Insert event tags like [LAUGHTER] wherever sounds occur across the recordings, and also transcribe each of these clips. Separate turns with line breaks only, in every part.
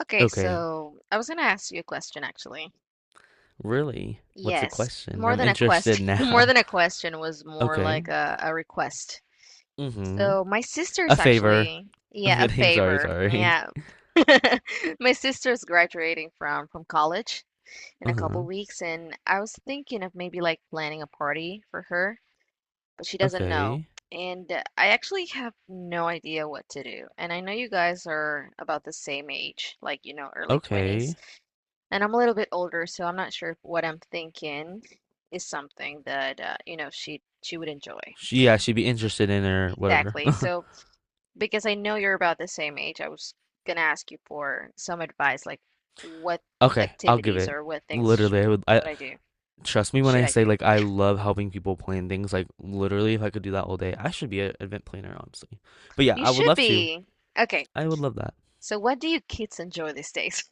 Okay,
Okay.
so I was gonna ask you a question actually.
Really? What's the
Yes,
question?
more
I'm
than a
interested
question, [LAUGHS] more
now.
than
[LAUGHS]
a question was more
Okay.
like a request.
Mm-hmm.
So my
A
sister's
favor.
actually,
I'm
yeah, a
kidding. [LAUGHS] Sorry,
favor.
sorry.
Yeah. [LAUGHS] My sister's graduating from college in a couple
Uh-huh.
weeks, and I was thinking of maybe like planning a party for her but she doesn't know.
Okay.
And I actually have no idea what to do. And I know you guys are about the same age, like, you know, early 20s.
Okay.
And I'm a little bit older, so I'm not sure if what I'm thinking is something that, you know, she would enjoy.
She, yeah, she'd be interested in her whatever.
Exactly.
[LAUGHS]
So, because I know you're about the same age, I was gonna ask you for some advice, like what
Okay, I'll give
activities
it.
or what things
Literally, I would I
would I do?
trust me when
Should
I
I
say
do?
like I love helping people plan things. Like literally if I could do that all day, I should be an event planner, honestly. But yeah,
You
I would
should
love to.
be. Okay.
I would love that.
So, what do you kids enjoy these days?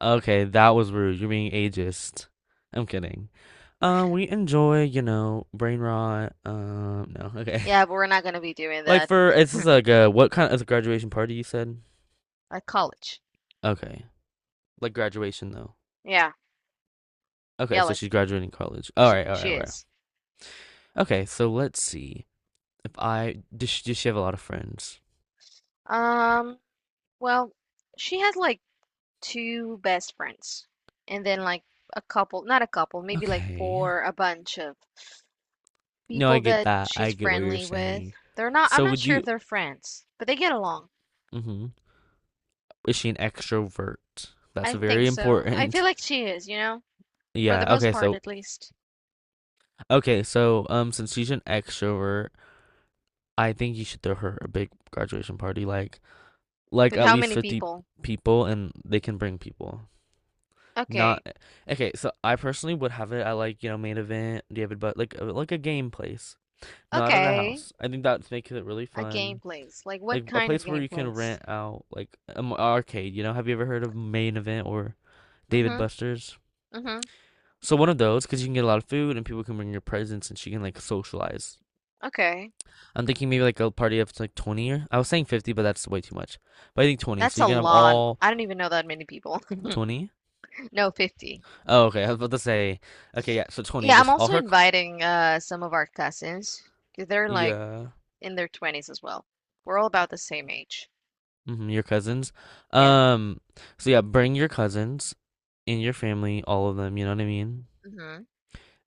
Okay, that was rude. You're being ageist. I'm kidding. We enjoy, brain rot. No, okay. [LAUGHS]
Yeah, but we're not gonna be doing
Like
that
for it's just like a what kind of a graduation party you said?
at college.
Okay, like graduation though.
Yeah,
Okay,
yeah,
so
like
she's graduating college. All right, all
she
right, all right.
is.
Okay, so let's see if I does she have a lot of friends?
Um, well, she has like two best friends, and then like a couple, not a couple, maybe like
Okay,
four, a bunch of
no, I
people
get
that
that.
she's
I get what you're
friendly with.
saying.
They're not, I'm
So
not
would
sure
you?
if they're friends, but they get along.
Mm-hmm. Is she an extrovert? That's
I think
very
so. I feel
important. [LAUGHS]
like she is, you know, for the
Yeah.
most
Okay.
part
So
at least.
okay, so since she's an extrovert, I think you should throw her a big graduation party, like
With
at
how
least
many
50
people?
people, and they can bring people.
Okay,
Not okay. So I personally would have it at like main event, David, but like a game place, not at a
okay.
house. I think that makes it really
A game
fun.
plays. Like
Like
what
a
kind of
place where
game
you can
plays?
rent out like an arcade. You know, have you ever heard of main event or David
Mm-hmm.
Buster's?
Mm-hmm.
So one of those, because you can get a lot of food and people can bring your presents, and she can like socialize.
Okay.
I'm thinking maybe like a party of like 20 or I was saying 50, but that's way too much. But I think 20.
That's
So
a
you can have
lot.
all
I don't even know that many people. [LAUGHS]
20.
No, 50.
Oh, okay. I was about to say, okay, yeah. So 20,
Yeah, I'm
just all
also
her, c-
inviting some of our cousins. 'Cause they're like
yeah,
in their 20s as well. We're all about the same age.
hmm your cousins.
Yeah.
Um, so yeah, bring your cousins and your family, all of them. You know what I mean?
Mm-hmm.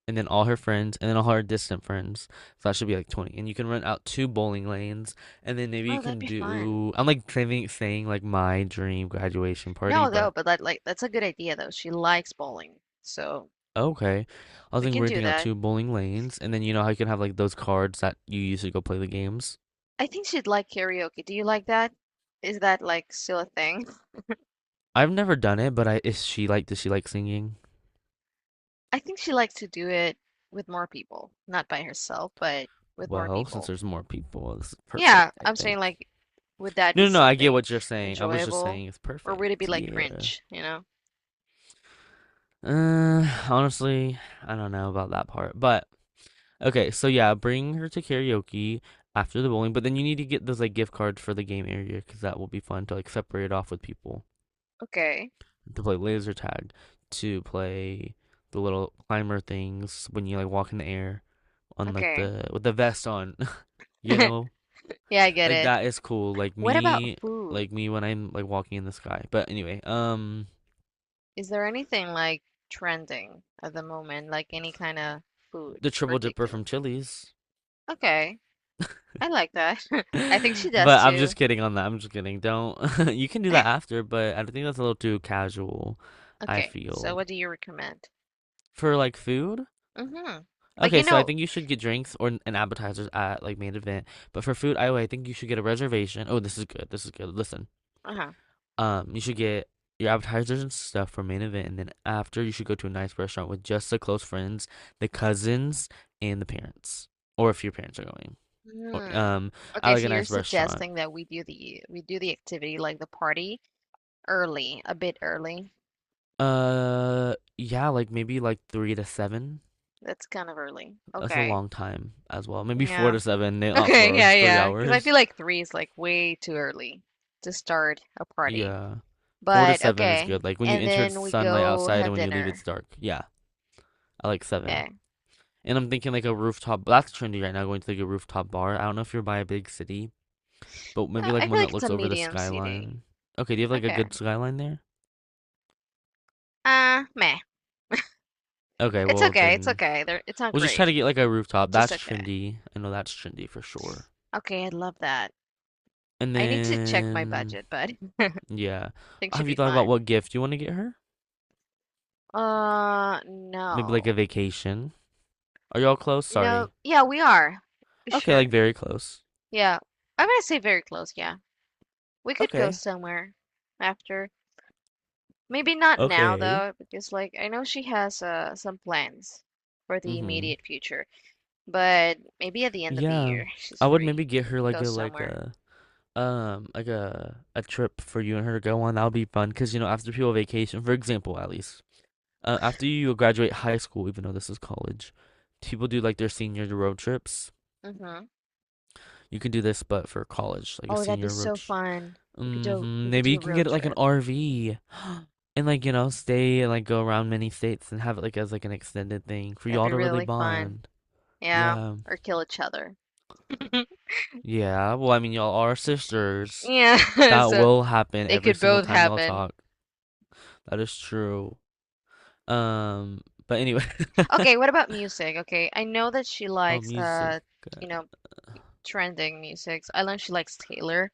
And then all her friends, and then all her distant friends. So that should be like 20. And you can rent out two bowling lanes, and then maybe you
Oh, that'd
can
be fun.
do. I'm like saying like my dream graduation party,
No, though,
but.
but that like that's a good idea though. She likes bowling. So,
Okay. I was,
we
like,
can do
renting out
that.
2 bowling lanes, and then you know how you can have, like, those cards that you use to go play the games?
I think she'd like karaoke. Do you like that? Is that like still a thing? [LAUGHS]
I've never done it, but I is she like does she like singing?
I think she likes to do it with more people, not by herself, but with more
Well, since
people.
there's more people, this is
Yeah,
perfect, I
I'm saying
think.
like, would that
No,
be
no, no, I get
something
what you're saying. I was just
enjoyable,
saying it's
or would it be
perfect.
like
Yeah.
cringe? You know?
Honestly, I don't know about that part. But okay, so yeah, bring her to karaoke after the bowling, but then you need to get those like gift cards for the game area because that will be fun to like separate off with people.
Okay,
To play laser tag, to play the little climber things when you like walk in the air on like
okay.
the with the vest on, [LAUGHS] you know?
[LAUGHS] Yeah, I get
Like
it.
that is cool.
What about food?
Like me when I'm like walking in the sky. But anyway,
Is there anything like trending at the moment, like any kind of food
the triple dipper
particular?
from Chili's.
Okay,
[LAUGHS]
I like that. [LAUGHS] I think she does
But I'm just
too.
kidding on that. I'm just kidding. Don't [LAUGHS] you can do that after, but I think that's a little too casual, I
Okay, so
feel.
what do you recommend?
For like food,
Mm-hmm. Like you
okay, so I
know,
think you should get drinks or an appetizers at like main event. But for food, I think you should get a reservation. Oh, this is good. This is good. Listen,
uh-huh.
you should get your appetizers and stuff for main event, and then after you should go to a nice restaurant with just the close friends, the cousins, and the parents, or if your parents are going. Or,
Hmm.
I
Okay,
like
so
a
you're
nice restaurant.
suggesting that we do the activity like the party early, a bit early.
Yeah, like maybe like three to seven.
That's kind of early.
That's a
Okay.
long time as well. Maybe four
Yeah.
to
[LAUGHS]
seven. Not four
Okay. Yeah.
hours, three
Yeah. Because I feel
hours.
like three is like way too early to start a party.
Yeah. Four to
But
seven is
okay.
good. Like when you
And
enter it's
then we
sunlight
go
outside and
have
when you leave it's
dinner.
dark. Yeah. I like seven.
Okay.
And I'm thinking like a rooftop that's trendy right now, going to like a rooftop bar. I don't know if you're by a big city, but maybe like
I feel
one
like
that
it's a
looks over the
medium CD.
skyline. Okay, do you have like a
Okay.
good skyline there?
Meh.
Okay,
It's
well
okay. It's
then
okay. There, it's not
we'll just try
great.
to get like a rooftop.
Just
That's
okay.
trendy. I know that's trendy for sure.
Okay. I love that.
And
I need to check my
then
budget, but [LAUGHS] I
yeah.
think should
Have
be
you thought about
fine.
what gift you want to get her? Maybe like a
No.
vacation. Are y'all close?
You know,
Sorry.
yeah, we are.
Okay,
Sure.
like very close.
Yeah. I'm gonna say very close. Yeah. We could go
Okay.
somewhere after. Maybe not now
Okay.
though, because like I know she has some plans for the
Mm-hmm.
immediate future, but maybe at the end of the
Yeah.
year [LAUGHS] she's
I would
free.
maybe get
We
her
can
like
go
a like
somewhere.
a like a trip for you and her to go on. That would be fun because you know after people vacation, for example, at least after you graduate high school, even though this is college, people do like their senior road trips.
Mm-hmm.
You can do this, but for college, like a
Oh, that'd be
senior
so
road.
fun. We could do
Mm-hmm. Maybe you
a
can
road
get like an
trip.
RV and like you know stay and like go around many states and have it like as like an extended thing for
That'd
y'all
be
to really
really fun.
bond.
Yeah,
Yeah.
or kill each other. [LAUGHS]
Yeah, well, I mean, y'all are sisters.
Yeah, [LAUGHS]
That
so
will happen
they
every
could
single
both
time y'all
happen.
talk. That is true. Um, but anyway.
Okay, what about music? Okay, I know that she
[LAUGHS] Oh,
likes
music.
you know, trending music. I know she likes Taylor.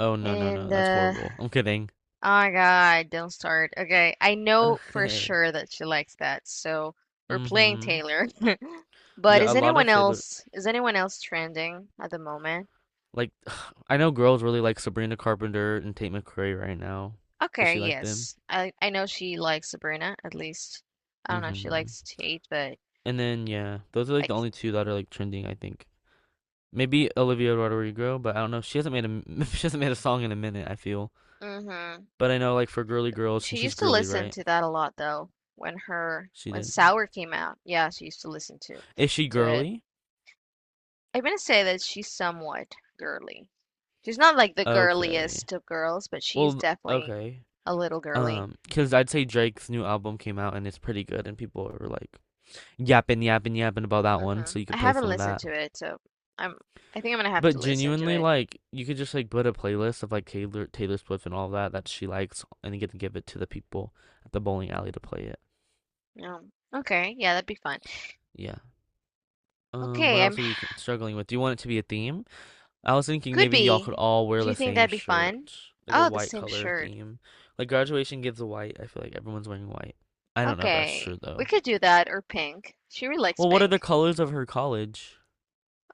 Oh, no, no,
And
no. That's
oh
horrible. I'm kidding. [LAUGHS]
my God, don't start. Okay, I know for
Okay.
sure that she likes that, so we're playing
Mm-hmm.
Taylor. [LAUGHS] But
Yeah,
is
a lot
anyone
of Taylor.
else trending at the moment?
Like, [SIGHS] I know girls really like Sabrina Carpenter and Tate McRae right now. Does
Okay,
she like them?
yes. I know she likes Sabrina, at least. I don't know if she
Mm-hmm.
likes Tate, but
And then, yeah, those are like the
like
only two that are like trending, I think. Maybe Olivia Rodrigo, but I don't know. She hasn't made a [LAUGHS] She hasn't made a song in a minute, I feel.
mm-hmm.
But I know like for girly girls,
She
and she's
used to
girly,
listen
right?
to that a lot though,
She
when
did.
Sour came out. Yeah, she used to listen
Is she
to it.
girly?
I'm gonna say that she's somewhat girly. She's not like the
Okay.
girliest of girls, but she's
Well,
definitely
okay.
a little girly.
Cause I'd say Drake's new album came out and it's pretty good, and people are like yapping, yapping, yapping about that one. So
Hmm.
you
I
could play
haven't
some of
listened
that.
to it, so I'm I think I'm gonna have to
But
listen to
genuinely,
it.
like you could just like put a playlist of like Taylor Swift and all that that she likes, and you get to give it to the people at the bowling alley to play it.
No, okay, yeah, that'd be fun.
Yeah.
Okay,
What
I'm
else are you struggling with? Do you want it to be a theme? I was thinking
could
maybe y'all could
be.
all wear
Do you
the
think
same
that'd be fun?
shirt, like a
Oh, the
white
same
color
shirt.
theme. Like graduation gives a white. I feel like everyone's wearing white. I don't know if that's
Okay,
true
we
though.
could do that or pink. She really likes
Well, what are the
pink.
colors of her college?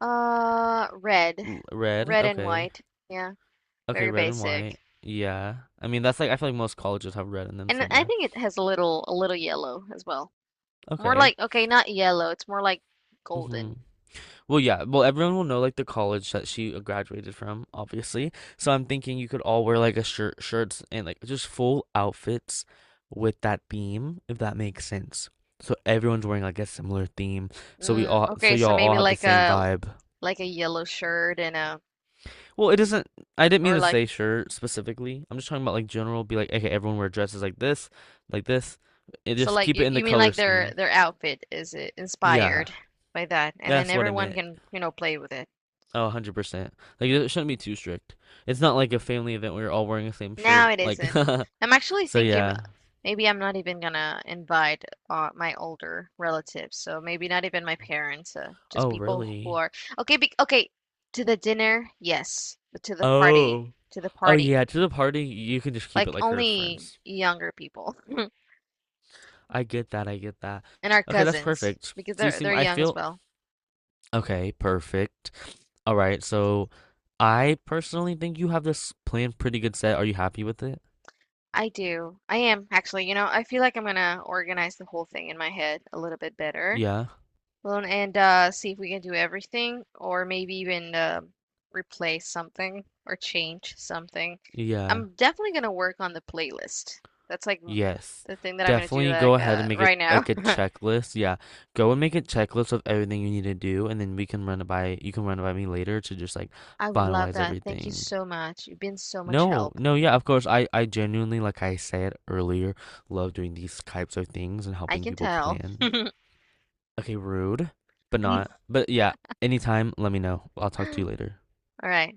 Red,
L- Red.
red and
Okay.
white. Yeah,
Okay,
very
red and
basic.
white. Yeah. I mean, that's like I feel like most colleges have red in them
And I
somewhere.
think it has a little yellow as well. More
Okay.
like okay, not yellow. It's more like
Mhm.
golden.
Well, yeah. Well, everyone will know like the college that she graduated from, obviously. So I'm thinking you could all wear like a shirts, and like just full outfits with that theme, if that makes sense. So everyone's wearing like a similar theme. So we
Mm,
all, so
okay, so
y'all all
maybe
have the
like
same vibe.
a yellow shirt and a
Well, it doesn't. I didn't mean
or
to
like
say shirt specifically. I'm just talking about like general. Be like, okay, everyone wear dresses like this, like this. And
so
just
like
keep it
you
in
you
the
mean
color
like their
scheme.
their outfit is
Yeah,
inspired by that, and then
that's what I
everyone
meant.
can you know play with it.
Oh, 100%. Like it shouldn't be too strict. It's not like a family event where you're all wearing the same
No,
shirt.
it
Like
isn't. I'm
[LAUGHS]
actually
so
thinking
yeah.
maybe I'm not even gonna invite my older relatives, so maybe not even my parents, just
Oh,
people who
really?
are okay. Be, okay, to the dinner, yes, but to the party,
Oh.
to the
Oh
party.
yeah, to the party, you can just keep it
Like
like her
only
friends.
younger people [LAUGHS]
I get that. I get that.
and our
Okay, that's
cousins
perfect.
because
So you
they're
seem
they're
I
young as
feel
well.
okay, perfect. All right. So I personally think you have this plan pretty good set. Are you happy with it?
I do. I am actually, you know, I feel like I'm gonna organize the whole thing in my head a little bit better.
Yeah.
Well, and see if we can do everything or maybe even replace something or change something.
Yeah.
I'm definitely gonna work on the playlist. That's like
Yes,
the thing that I'm gonna do
definitely go
like
ahead and make it
right now.
like a
[LAUGHS]
checklist. Yeah, go and make a checklist of everything you need to do, and then we can run it by you can run it by me later to just like
I would love
finalize
that. Thank you
everything.
so much. You've been so much
No,
help.
no, yeah, of course. I genuinely, like I said earlier, love doing these types of things and
I
helping
can
people
tell.
plan. Okay, rude, but not.
[LAUGHS]
But yeah, anytime, let me know. I'll talk to you
All
later.
right.